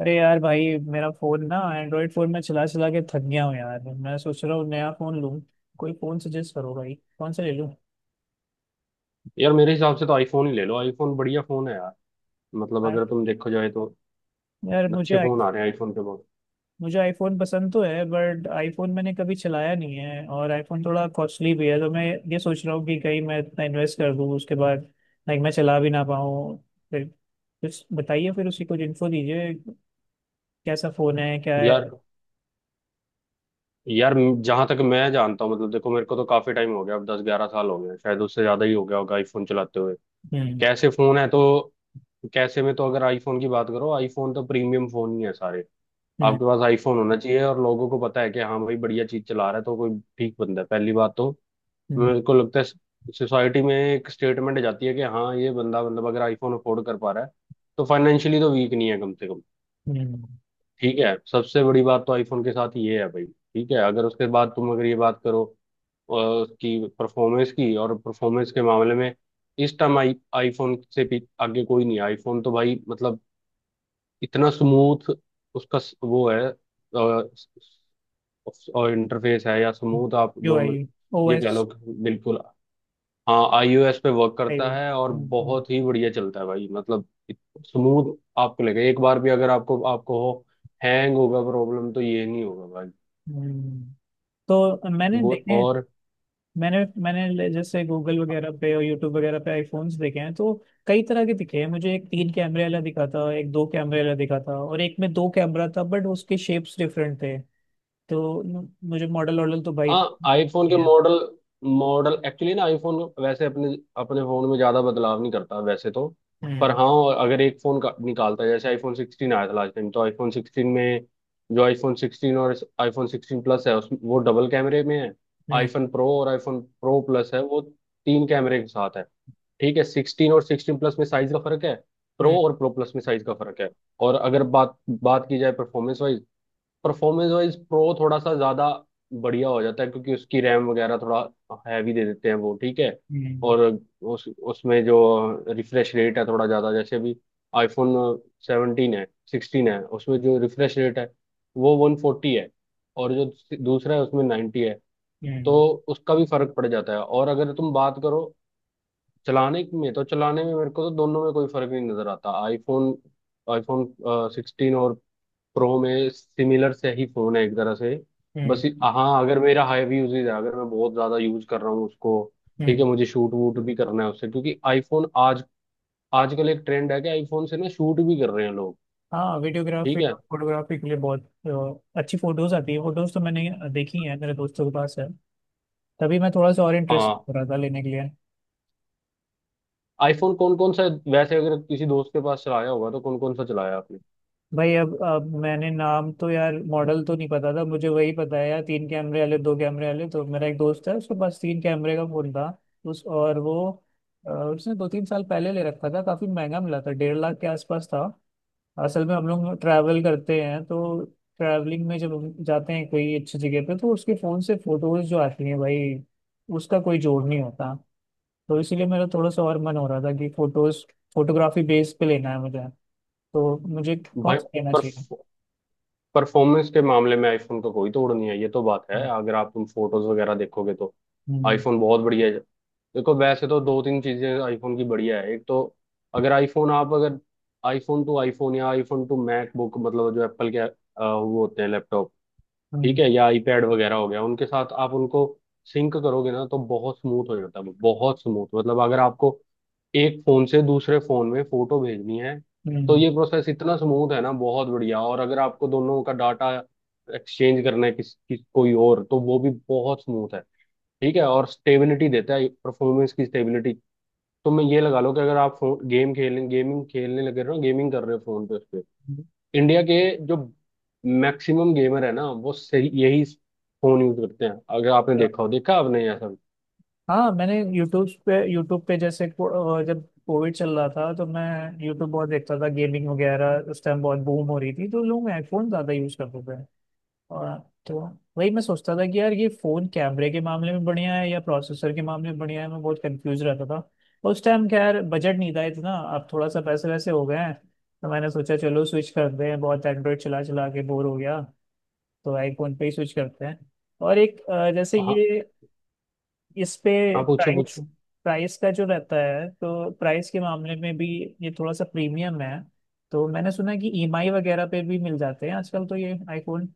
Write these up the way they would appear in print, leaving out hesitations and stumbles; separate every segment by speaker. Speaker 1: अरे यार भाई, मेरा फोन ना, एंड्रॉइड फोन में चला चला के थक गया हूँ यार। मैं सोच रहा हूँ नया फोन लूँ। कोई फोन सजेस्ट करो भाई, कौन सा ले लूँ।
Speaker 2: यार, मेरे हिसाब से तो आईफोन ही ले लो। आईफोन बढ़िया फोन है यार। मतलब
Speaker 1: यार,
Speaker 2: अगर तुम देखो जाए तो
Speaker 1: यार,
Speaker 2: अच्छे फोन आ रहे हैं आईफोन पे बहुत।
Speaker 1: मुझे आईफोन पसंद तो है, बट आईफोन मैंने कभी चलाया नहीं है और आईफोन थोड़ा कॉस्टली भी है। तो मैं ये सोच रहा हूँ कि कहीं मैं इतना इन्वेस्ट कर दूँ, उसके बाद लाइक मैं चला भी ना पाऊँ। फिर कुछ बताइए, फिर उसी कुछ इन्फो दीजिए, कैसा फोन है, क्या
Speaker 2: यार
Speaker 1: है।
Speaker 2: यार जहां तक मैं जानता हूँ, मतलब देखो, मेरे को तो काफी टाइम हो गया, अब 10-11 साल हो गए हैं, शायद उससे ज्यादा ही हो गया होगा आईफोन चलाते हुए।
Speaker 1: हम्म।
Speaker 2: कैसे फोन है तो? कैसे में तो, अगर आईफोन की बात करो, आईफोन तो प्रीमियम फोन ही है सारे।
Speaker 1: हम्म।
Speaker 2: आपके पास आईफोन होना चाहिए और लोगों को पता है कि हाँ भाई बढ़िया चीज चला रहा है तो कोई ठीक बंदा है, पहली बात तो।
Speaker 1: हम्म।
Speaker 2: मेरे को लगता है सोसाइटी में एक स्टेटमेंट जाती है कि हाँ ये बंदा, मतलब, अगर आईफोन अफोर्ड कर पा रहा है तो फाइनेंशियली तो वीक नहीं है कम से कम।
Speaker 1: हम्म।
Speaker 2: ठीक है, सबसे बड़ी बात तो आईफोन के साथ ये है भाई। ठीक है, अगर उसके बाद तुम अगर ये बात करो उसकी परफॉर्मेंस की, और परफॉर्मेंस के मामले में इस टाइम आई आईफोन से भी आगे कोई नहीं है। आईफोन तो भाई मतलब इतना स्मूथ उसका वो है। अ, और इंटरफेस है या स्मूथ, आप
Speaker 1: यू
Speaker 2: जो
Speaker 1: आई ओ
Speaker 2: ये कह
Speaker 1: एस
Speaker 2: लो कि बिल्कुल, हाँ आईओएस पे वर्क
Speaker 1: आई
Speaker 2: करता है और बहुत ही बढ़िया चलता है भाई। मतलब स्मूथ। आपको लगे एक बार भी अगर आपको आपको हो, हैंग होगा प्रॉब्लम तो ये नहीं होगा भाई।
Speaker 1: हम्म। तो मैंने
Speaker 2: वो
Speaker 1: देखे।
Speaker 2: और
Speaker 1: मैंने मैंने ले- जैसे गूगल वगैरह पे और यूट्यूब वगैरह पे आईफोन्स देखे हैं, तो कई तरह के दिखे हैं मुझे। एक तीन कैमरे वाला दिखा था, एक दो कैमरे वाला दिखा था, और एक में दो कैमरा था, बट उसके शेप्स डिफरेंट थे। तो मुझे मॉडल वॉडल तो भाई।
Speaker 2: हाँ आईफोन के
Speaker 1: हम्म।
Speaker 2: मॉडल। मॉडल एक्चुअली ना आईफोन वैसे अपने अपने फोन में ज्यादा बदलाव नहीं करता वैसे तो। पर
Speaker 1: हम्म।
Speaker 2: हाँ, अगर एक फोन का निकालता है, जैसे आईफोन 16 आया था लास्ट टाइम, तो आईफोन सिक्सटीन में जो आईफोन सिक्सटीन और आईफोन सिक्सटीन प्लस है उस वो डबल कैमरे में है। आईफोन प्रो और आईफोन प्रो प्लस है वो तीन कैमरे के साथ है। ठीक है, सिक्सटीन और सिक्सटीन प्लस में साइज का फर्क है। प्रो
Speaker 1: हम्म।
Speaker 2: और प्रो प्लस में साइज का फर्क है। और अगर बात बात की जाए performance wise, performance wise pro थोड़ा सा ज्यादा बढ़िया हो जाता है क्योंकि उसकी रैम वगैरह थोड़ा हैवी दे देते हैं वो, ठीक है।
Speaker 1: हम्म।
Speaker 2: और उस उसमें जो रिफ्रेश रेट है थोड़ा ज्यादा, जैसे अभी आईफोन 17 है सिक्सटीन है उसमें जो रिफ्रेश रेट है वो 140 है। और जो दूसरा है उसमें 90 है। तो
Speaker 1: हम्म।
Speaker 2: उसका भी फर्क पड़ जाता है। और अगर तुम बात करो चलाने में तो चलाने में मेरे को तो दोनों में कोई फर्क नहीं नजर आता। आईफोन आईफोन सिक्सटीन और प्रो में सिमिलर से ही फोन है एक तरह से। बस
Speaker 1: हम्म।
Speaker 2: हाँ, अगर मेरा हैवी यूजेज है, अगर मैं बहुत ज्यादा यूज कर रहा हूँ उसको। ठीक
Speaker 1: हम्म।
Speaker 2: है, मुझे शूट वूट भी करना है उससे, क्योंकि आईफोन आज आजकल एक ट्रेंड है कि आईफोन से ना शूट भी कर रहे हैं लोग।
Speaker 1: हाँ, वीडियोग्राफी
Speaker 2: ठीक है,
Speaker 1: और फोटोग्राफी के लिए बहुत अच्छी फोटोज आती है। फोटोज तो मैंने देखी है, मेरे दोस्तों के पास है। तभी मैं थोड़ा सा और इंटरेस्ट
Speaker 2: हाँ।
Speaker 1: हो रहा था लेने के लिए।
Speaker 2: आईफोन कौन कौन सा, वैसे अगर किसी दोस्त के पास चलाया होगा तो कौन कौन सा चलाया आपने?
Speaker 1: भाई अब मैंने नाम तो यार, मॉडल तो नहीं पता था मुझे, वही पता है यार, तीन कैमरे वाले, दो कैमरे वाले। तो मेरा एक दोस्त है, उसके पास तीन कैमरे का फोन था। उस और वो उसने दो तीन साल पहले ले रखा था, काफी महंगा मिला था, 1.5 लाख के आसपास था। असल में हम लोग ट्रैवल करते हैं, तो ट्रैवलिंग में जब हम जाते हैं कोई अच्छी जगह पे, तो उसके फोन से फोटोज जो आती हैं भाई, उसका कोई जोड़ नहीं होता। तो इसीलिए मेरा थोड़ा सा और मन हो रहा था कि फोटोज, फोटोग्राफी बेस पे लेना है मुझे। तो मुझे कौन
Speaker 2: भाई,
Speaker 1: सा लेना
Speaker 2: पर
Speaker 1: चाहिए।
Speaker 2: परफॉर्मेंस के मामले में आईफोन का कोई तोड़ नहीं है, ये तो बात है। अगर आप तुम फोटोज वगैरह देखोगे तो
Speaker 1: हम्म।
Speaker 2: आईफोन बहुत बढ़िया है। देखो, वैसे तो दो तीन चीजें आईफोन की बढ़िया है। एक तो अगर आईफोन टू आईफोन या आईफोन टू मैकबुक, मतलब जो एप्पल के वो होते हैं लैपटॉप, ठीक
Speaker 1: हम्म।
Speaker 2: है, या आईपैड वगैरह हो गया, उनके साथ आप उनको सिंक करोगे ना तो बहुत स्मूथ हो जाता है वो, बहुत स्मूथ। मतलब अगर आपको एक फोन से दूसरे फोन में फोटो भेजनी है तो
Speaker 1: हम्म।
Speaker 2: ये प्रोसेस इतना स्मूथ है ना, बहुत बढ़िया। और अगर आपको दोनों का डाटा एक्सचेंज करना है किस कोई और, तो वो भी बहुत स्मूथ है, ठीक है। और स्टेबिलिटी देता है, परफॉर्मेंस की स्टेबिलिटी। तो मैं ये लगा लो कि अगर आप गेमिंग खेलने लगे हो, गेमिंग कर रहे हो फोन पे,
Speaker 1: हम्म।
Speaker 2: इंडिया के जो मैक्सिमम गेमर है ना वो सही यही फोन यूज करते हैं। अगर आपने देखा हो, देखा आपने ऐसा।
Speaker 1: हाँ, मैंने यूट्यूब पे, यूट्यूब पे जैसे जब कोविड चल रहा था तो मैं यूट्यूब बहुत देखता था, गेमिंग वगैरह। उस टाइम बहुत बूम हो रही थी, तो लोग आईफोन ज़्यादा यूज़ करते थे। और तो वही मैं सोचता था कि यार, ये फ़ोन कैमरे के मामले में बढ़िया है या प्रोसेसर के मामले में बढ़िया है, मैं बहुत कंफ्यूज रहता था उस टाइम। खैर, बजट नहीं था इतना, अब थोड़ा सा पैसे वैसे हो गए हैं, तो मैंने सोचा चलो स्विच करते हैं। बहुत एंड्रॉयड चला चला के बोर हो गया, तो आईफोन पे ही स्विच करते हैं। और एक जैसे
Speaker 2: हाँ
Speaker 1: ये, इस पे
Speaker 2: हाँ, पूछो
Speaker 1: प्राइस
Speaker 2: पूछो
Speaker 1: प्राइस का जो रहता है, तो प्राइस के मामले में भी ये थोड़ा सा प्रीमियम है। तो मैंने सुना है कि ईएमआई वगैरह पे भी मिल जाते हैं आजकल, तो ये आईफोन।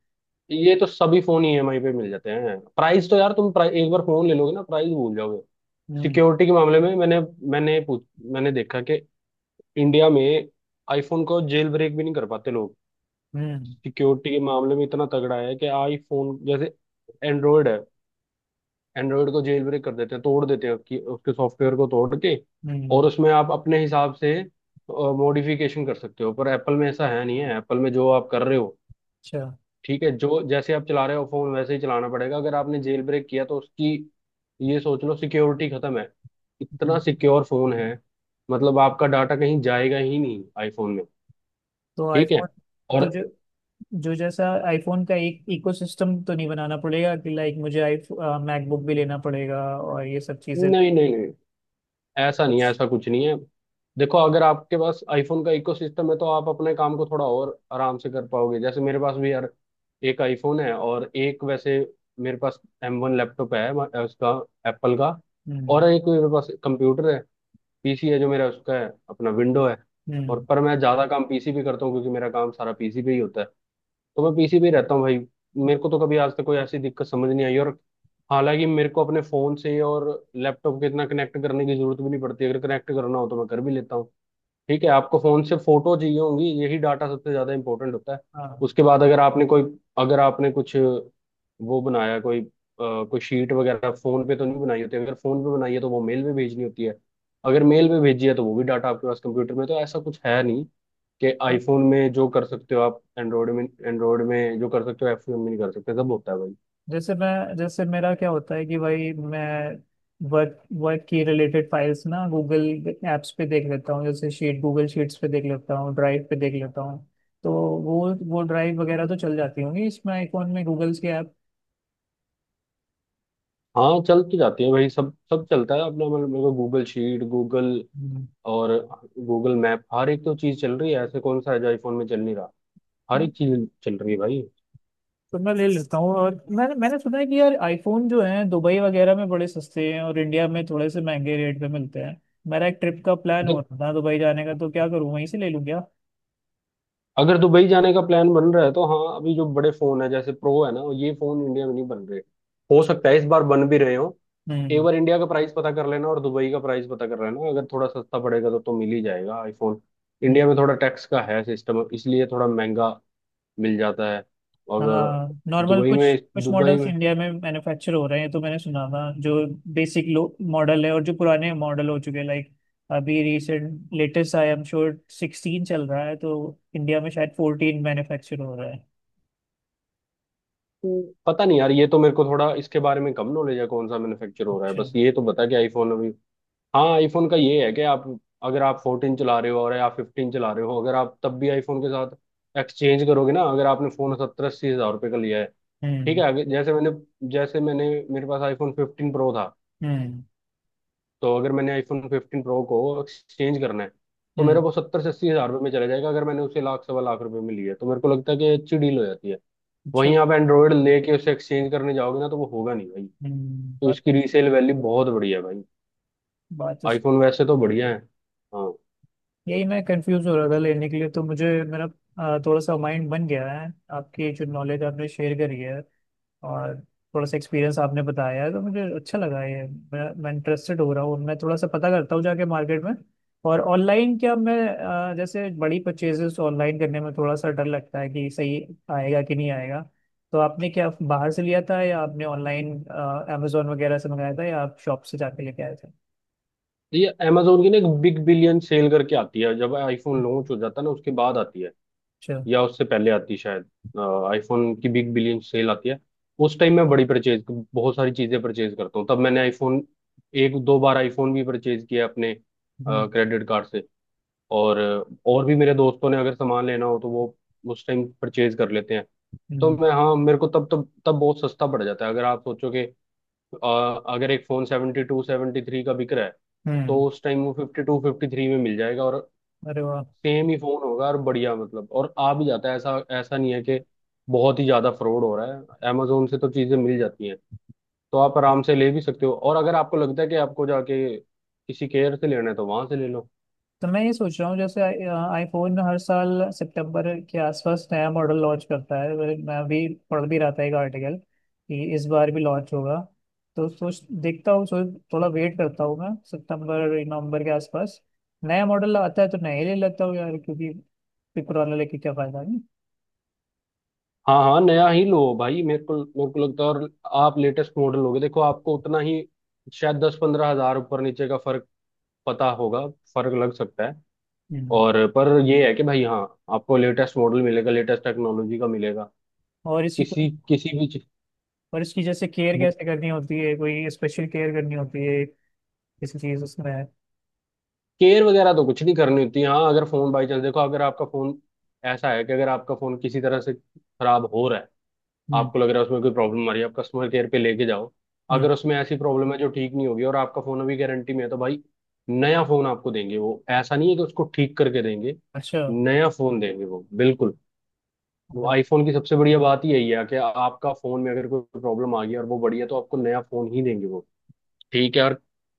Speaker 2: ये तो सभी फोन ईएमआई पे मिल जाते हैं। प्राइस तो यार, तुम प्राइस एक बार फोन ले लोगे ना, प्राइस भूल जाओगे।
Speaker 1: हम्म।
Speaker 2: सिक्योरिटी के मामले में मैंने मैंने पूछ मैंने देखा कि इंडिया में आईफोन को जेल ब्रेक भी नहीं कर पाते लोग।
Speaker 1: हम्म।
Speaker 2: सिक्योरिटी के मामले में इतना तगड़ा है कि आईफोन। जैसे एंड्रॉयड है, एंड्रॉयड को जेल ब्रेक कर देते हैं, तोड़ देते हैं उसकी उसके सॉफ्टवेयर को तोड़ के, और
Speaker 1: हम्म।
Speaker 2: उसमें आप अपने हिसाब से मॉडिफिकेशन कर सकते हो। पर एप्पल में ऐसा है नहीं है, एप्पल में जो आप कर रहे हो,
Speaker 1: अच्छा।
Speaker 2: ठीक है, जो जैसे आप चला रहे हो फोन वैसे ही चलाना पड़ेगा। अगर आपने जेल ब्रेक किया तो उसकी ये सोच लो सिक्योरिटी खत्म है।
Speaker 1: हम्म।
Speaker 2: इतना सिक्योर फोन है, मतलब आपका डाटा कहीं जाएगा ही नहीं आईफोन में,
Speaker 1: तो
Speaker 2: ठीक है।
Speaker 1: आईफोन, तो
Speaker 2: और
Speaker 1: जो जो जैसा आईफोन का एक इकोसिस्टम तो नहीं बनाना पड़ेगा कि लाइक मुझे आई मैकबुक भी लेना पड़ेगा और ये सब चीजें लेनी।
Speaker 2: नहीं नहीं नहीं, ऐसा नहीं है,
Speaker 1: कुछ।
Speaker 2: ऐसा कुछ नहीं है। देखो, अगर आपके पास आईफोन का इकोसिस्टम है तो आप अपने काम को थोड़ा और आराम से कर पाओगे। जैसे मेरे पास भी यार एक आईफोन है और एक वैसे, मेरे पास M1 लैपटॉप है उसका, एप्पल का। और
Speaker 1: हम्म।
Speaker 2: एक मेरे पास कंप्यूटर है, पीसी है जो मेरा, उसका है अपना विंडो है। और
Speaker 1: हम्म।
Speaker 2: पर मैं ज्यादा काम पीसी पे करता हूँ क्योंकि मेरा काम सारा पीसी पे ही होता है, तो मैं पीसी पे ही रहता हूँ भाई।
Speaker 1: हम्म,
Speaker 2: मेरे को तो कभी आज तक कोई ऐसी दिक्कत समझ नहीं आई। और हालांकि मेरे को अपने फोन से और लैपटॉप के इतना कनेक्ट करने की जरूरत भी नहीं पड़ती। अगर कनेक्ट करना हो तो मैं कर भी लेता हूँ। ठीक है, आपको फोन से फोटो चाहिए होंगी, यही डाटा सबसे ज्यादा इंपॉर्टेंट होता है। उसके बाद अगर आपने कुछ वो बनाया, कोई कोई शीट वगैरह फोन पे तो नहीं बनाई होती। अगर फोन पे बनाई है तो वो मेल में भेजनी होती है, अगर मेल में भेजी है तो वो भी डाटा आपके पास कंप्यूटर में, तो ऐसा कुछ है नहीं कि
Speaker 1: हाँ,
Speaker 2: आईफोन में जो कर सकते हो आप एंड्रॉयड में जो कर सकते हो iPhone में नहीं कर सकते, सब होता है भाई।
Speaker 1: जैसे मैं, जैसे मेरा क्या होता है कि भाई मैं वर्क वर्क की रिलेटेड फाइल्स ना, गूगल एप्स पे देख लेता हूँ, जैसे शीट, गूगल शीट्स पे देख लेता हूँ, ड्राइव पे देख लेता हूँ। तो वो ड्राइव वगैरह तो चल जाती होंगी इसमें आईफोन में, गूगल्स के ऐप।
Speaker 2: हाँ चल तो जाती है भाई, सब सब चलता है अपना। मतलब मेरे को गूगल शीट, गूगल,
Speaker 1: हम्म।
Speaker 2: और गूगल मैप, हर एक तो चीज चल रही है, ऐसे कौन सा है जो आईफोन में चल नहीं रहा। हर
Speaker 1: हाँ,
Speaker 2: एक चीज चल रही है भाई।
Speaker 1: तो मैं ले लेता हूँ। और मैंने, मैंने सुना है कि यार आईफोन जो है दुबई वगैरह में बड़े सस्ते हैं और इंडिया में थोड़े से महंगे रेट पे मिलते हैं। मेरा एक ट्रिप का प्लान हो
Speaker 2: देख,
Speaker 1: रहा था दुबई जाने का, तो क्या करूँ वहीं से ले लूँ क्या।
Speaker 2: अगर दुबई जाने का प्लान बन रहा है तो हाँ, अभी जो बड़े फोन है जैसे प्रो है ना, ये फोन इंडिया में नहीं बन रहे। हो सकता है इस बार बन भी रहे हो। एक
Speaker 1: हम्म।
Speaker 2: बार इंडिया का प्राइस पता कर लेना और दुबई का प्राइस पता कर लेना, अगर थोड़ा सस्ता पड़ेगा तो मिल ही जाएगा आईफोन। इंडिया में थोड़ा टैक्स का है सिस्टम, इसलिए थोड़ा महंगा मिल जाता है। और
Speaker 1: हाँ, नॉर्मल,
Speaker 2: दुबई
Speaker 1: कुछ
Speaker 2: में
Speaker 1: कुछ
Speaker 2: दुबई
Speaker 1: मॉडल्स
Speaker 2: में
Speaker 1: इंडिया में मैन्युफैक्चर हो रहे हैं तो मैंने सुना था। जो बेसिक लो मॉडल है और जो पुराने मॉडल हो चुके हैं, लाइक अभी recent latest I am sure 16 चल रहा है, तो इंडिया में शायद 14 मैन्युफैक्चर हो रहा है।
Speaker 2: पता नहीं यार, ये तो मेरे को थोड़ा इसके बारे में कम नॉलेज है, कौन सा मैन्युफैक्चर हो रहा है।
Speaker 1: अच्छा।
Speaker 2: बस ये तो बता कि आईफोन अभी, हाँ आईफोन का ये है कि आप अगर आप 14 चला रहे हो और या 15 चला रहे हो, अगर आप तब भी आईफोन के साथ एक्सचेंज करोगे ना, अगर आपने फोन 70-80 हजार रुपये का लिया है, ठीक
Speaker 1: हम्म।
Speaker 2: है। अगर जैसे मैंने जैसे मैंने मेरे पास आईफोन 15 प्रो था,
Speaker 1: हम्म।
Speaker 2: तो अगर मैंने आईफोन फिफ्टीन प्रो को एक्सचेंज करना है तो मेरा
Speaker 1: हम्म।
Speaker 2: वो 70 से 80 हजार रुपये में चला जाएगा। अगर मैंने उसे लाख सवा लाख रुपए में लिया है, तो मेरे को लगता है कि अच्छी डील हो जाती है।
Speaker 1: अच्छा।
Speaker 2: वहीं आप एंड्रॉयड लेके उसे एक्सचेंज करने जाओगे ना तो वो होगा नहीं भाई।
Speaker 1: हम्म।
Speaker 2: तो
Speaker 1: बात,
Speaker 2: इसकी रीसेल वैल्यू बहुत बढ़िया है भाई।
Speaker 1: बात तो स-
Speaker 2: आईफोन वैसे तो बढ़िया है, हाँ।
Speaker 1: यही मैं कंफ्यूज हो रहा था लेने के लिए। तो मुझे, मेरा थोड़ा सा माइंड बन गया है, आपकी जो नॉलेज आपने शेयर करी है और थोड़ा सा एक्सपीरियंस आपने बताया है, तो मुझे अच्छा लगा ये। मैं इंटरेस्टेड हो रहा हूँ। मैं थोड़ा सा पता करता हूँ जाके मार्केट में। और ऑनलाइन क्या, मैं जैसे बड़ी परचेजेस ऑनलाइन करने में थोड़ा सा डर लगता है कि सही आएगा कि नहीं आएगा। तो आपने क्या बाहर से लिया था या आपने ऑनलाइन अमेजोन वगैरह से मंगाया था, या आप शॉप से जाके लेके आए थे।
Speaker 2: तो ये Amazon की ना एक बिग बिलियन सेल करके आती है, जब आईफोन लॉन्च हो जाता है ना उसके बाद आती है,
Speaker 1: अच्छा।
Speaker 2: या उससे पहले आती है शायद। आईफोन की बिग बिलियन सेल आती है। उस टाइम मैं बड़ी परचेज, बहुत सारी चीजें परचेज करता हूँ। तब मैंने आईफोन, एक दो बार आईफोन भी परचेज किया अपने
Speaker 1: हम्म।
Speaker 2: क्रेडिट कार्ड से। और और भी मेरे दोस्तों ने अगर सामान लेना हो तो वो उस टाइम परचेज कर लेते हैं। तो
Speaker 1: हम्म।
Speaker 2: मैं हाँ मेरे को तब तब तब बहुत सस्ता पड़ जाता है। अगर आप सोचो कि अगर एक फोन 72-73 का बिक रहा है तो
Speaker 1: हम्म।
Speaker 2: उस टाइम वो 52-53 में मिल जाएगा, और
Speaker 1: अरे वाह।
Speaker 2: सेम ही फोन होगा और बढ़िया। मतलब और आ भी जाता है, ऐसा ऐसा नहीं है कि बहुत ही ज्यादा फ्रॉड हो रहा है। amazon से तो चीजें मिल जाती हैं, तो आप आराम से ले भी सकते हो। और अगर आपको लगता है कि आपको जाके किसी केयर से लेना है तो वहां से ले लो।
Speaker 1: तो मैं ये सोच रहा हूँ, जैसे आईफोन हर साल सितंबर के आसपास नया मॉडल लॉन्च करता है। मैं भी पढ़ भी रहा था एक आर्टिकल कि इस बार भी लॉन्च होगा। तो सोच देखता हूँ। सोच, थोड़ा वेट करता हूँ मैं, सितंबर नवंबर के आसपास नया मॉडल आता है तो नया ही ले लेता हूँ यार, क्योंकि फिर पुराना लेके क्या फायदा, नहीं।
Speaker 2: हाँ हाँ नया ही लो भाई, मेरे को लगता है। और आप लेटेस्ट मॉडल लोगे देखो आपको उतना ही, शायद 10-15 हजार ऊपर नीचे का फर्क पता होगा, फर्क लग सकता है।
Speaker 1: हम्म।
Speaker 2: और पर ये है कि भाई हाँ, आपको लेटेस्ट मॉडल मिलेगा, लेटेस्ट टेक्नोलॉजी का मिलेगा
Speaker 1: और इसकी कोई,
Speaker 2: किसी किसी भी।
Speaker 1: और इसकी जैसे केयर कैसे करनी होती है, कोई स्पेशल केयर करनी होती है किसी चीज़ उसमें।
Speaker 2: केयर वगैरह तो कुछ नहीं करनी होती। हाँ अगर फोन बाई चांस, देखो अगर आपका फोन ऐसा है कि अगर आपका फोन किसी तरह से खराब हो रहा है,
Speaker 1: हम्म।
Speaker 2: आपको लग रहा है उसमें कोई प्रॉब्लम आ रही है, आप कस्टमर केयर पे लेके जाओ।
Speaker 1: हम्म।
Speaker 2: अगर उसमें ऐसी प्रॉब्लम है जो ठीक नहीं होगी और आपका फोन अभी गारंटी में है तो भाई नया फोन आपको देंगे वो। ऐसा नहीं है कि उसको ठीक करके देंगे,
Speaker 1: अच्छा।
Speaker 2: नया फोन देंगे वो, बिल्कुल।
Speaker 1: हम्म।
Speaker 2: आईफोन की सबसे बढ़िया बात ही यही है कि आपका फोन में अगर कोई प्रॉब्लम आ गई और वो बढ़िया, तो आपको नया फोन ही देंगे वो, ठीक है। और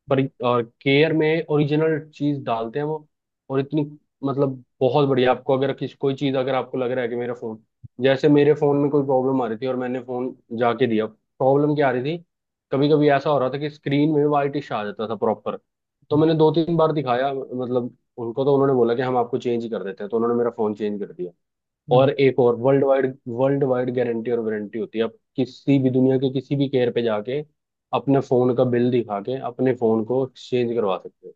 Speaker 2: पर और केयर में ओरिजिनल चीज डालते हैं वो, और इतनी मतलब बहुत बढ़िया। आपको अगर किस कोई चीज अगर आपको लग रहा है कि मेरा फोन, जैसे मेरे फोन में कोई प्रॉब्लम आ रही थी और मैंने फोन जाके दिया। प्रॉब्लम क्या आ रही थी, कभी कभी ऐसा हो रहा था कि स्क्रीन में वाइटिश आ जाता था प्रॉपर। तो मैंने दो तीन बार दिखाया मतलब उनको, तो उन्होंने बोला कि हम आपको चेंज कर देते हैं, तो उन्होंने मेरा फोन चेंज कर दिया।
Speaker 1: हम्म।
Speaker 2: और एक और वर्ल्ड वाइड गारंटी और वारंटी होती है, आप किसी भी दुनिया के किसी भी केयर पे जाके अपने फोन का बिल दिखा के अपने फोन को एक्सचेंज करवा सकते हो,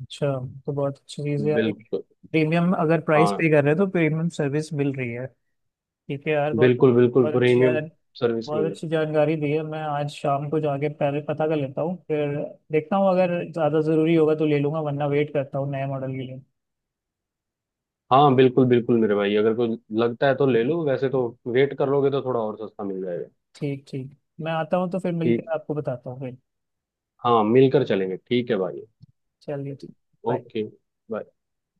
Speaker 1: अच्छा। तो बहुत अच्छी चीज़ है यार, एक
Speaker 2: बिल्कुल।
Speaker 1: प्रीमियम अगर प्राइस
Speaker 2: हाँ,
Speaker 1: पे कर रहे हैं, तो प्रीमियम सर्विस मिल रही है। ठीक है यार, बहुत
Speaker 2: बिल्कुल बिल्कुल
Speaker 1: बहुत अच्छी
Speaker 2: प्रीमियम
Speaker 1: यार।
Speaker 2: सर्विस
Speaker 1: बहुत
Speaker 2: मिल रही।
Speaker 1: अच्छी जानकारी दी है। मैं आज शाम को जाके पहले पता कर लेता हूँ, फिर देखता हूँ, अगर ज़्यादा ज़रूरी होगा तो ले लूँगा वरना वेट करता हूँ नए मॉडल के लिए।
Speaker 2: हाँ बिल्कुल बिल्कुल मेरे भाई, अगर कोई लगता है तो ले लो, वैसे तो वेट कर लोगे तो थोड़ा और सस्ता मिल जाएगा।
Speaker 1: ठीक, ठीक। मैं आता हूँ तो फिर
Speaker 2: ठीक।
Speaker 1: मिलकर आपको बताता हूँ फिर।
Speaker 2: हाँ मिलकर चलेंगे, ठीक है भाई।
Speaker 1: चलिए, ठीक। bye।
Speaker 2: ओके।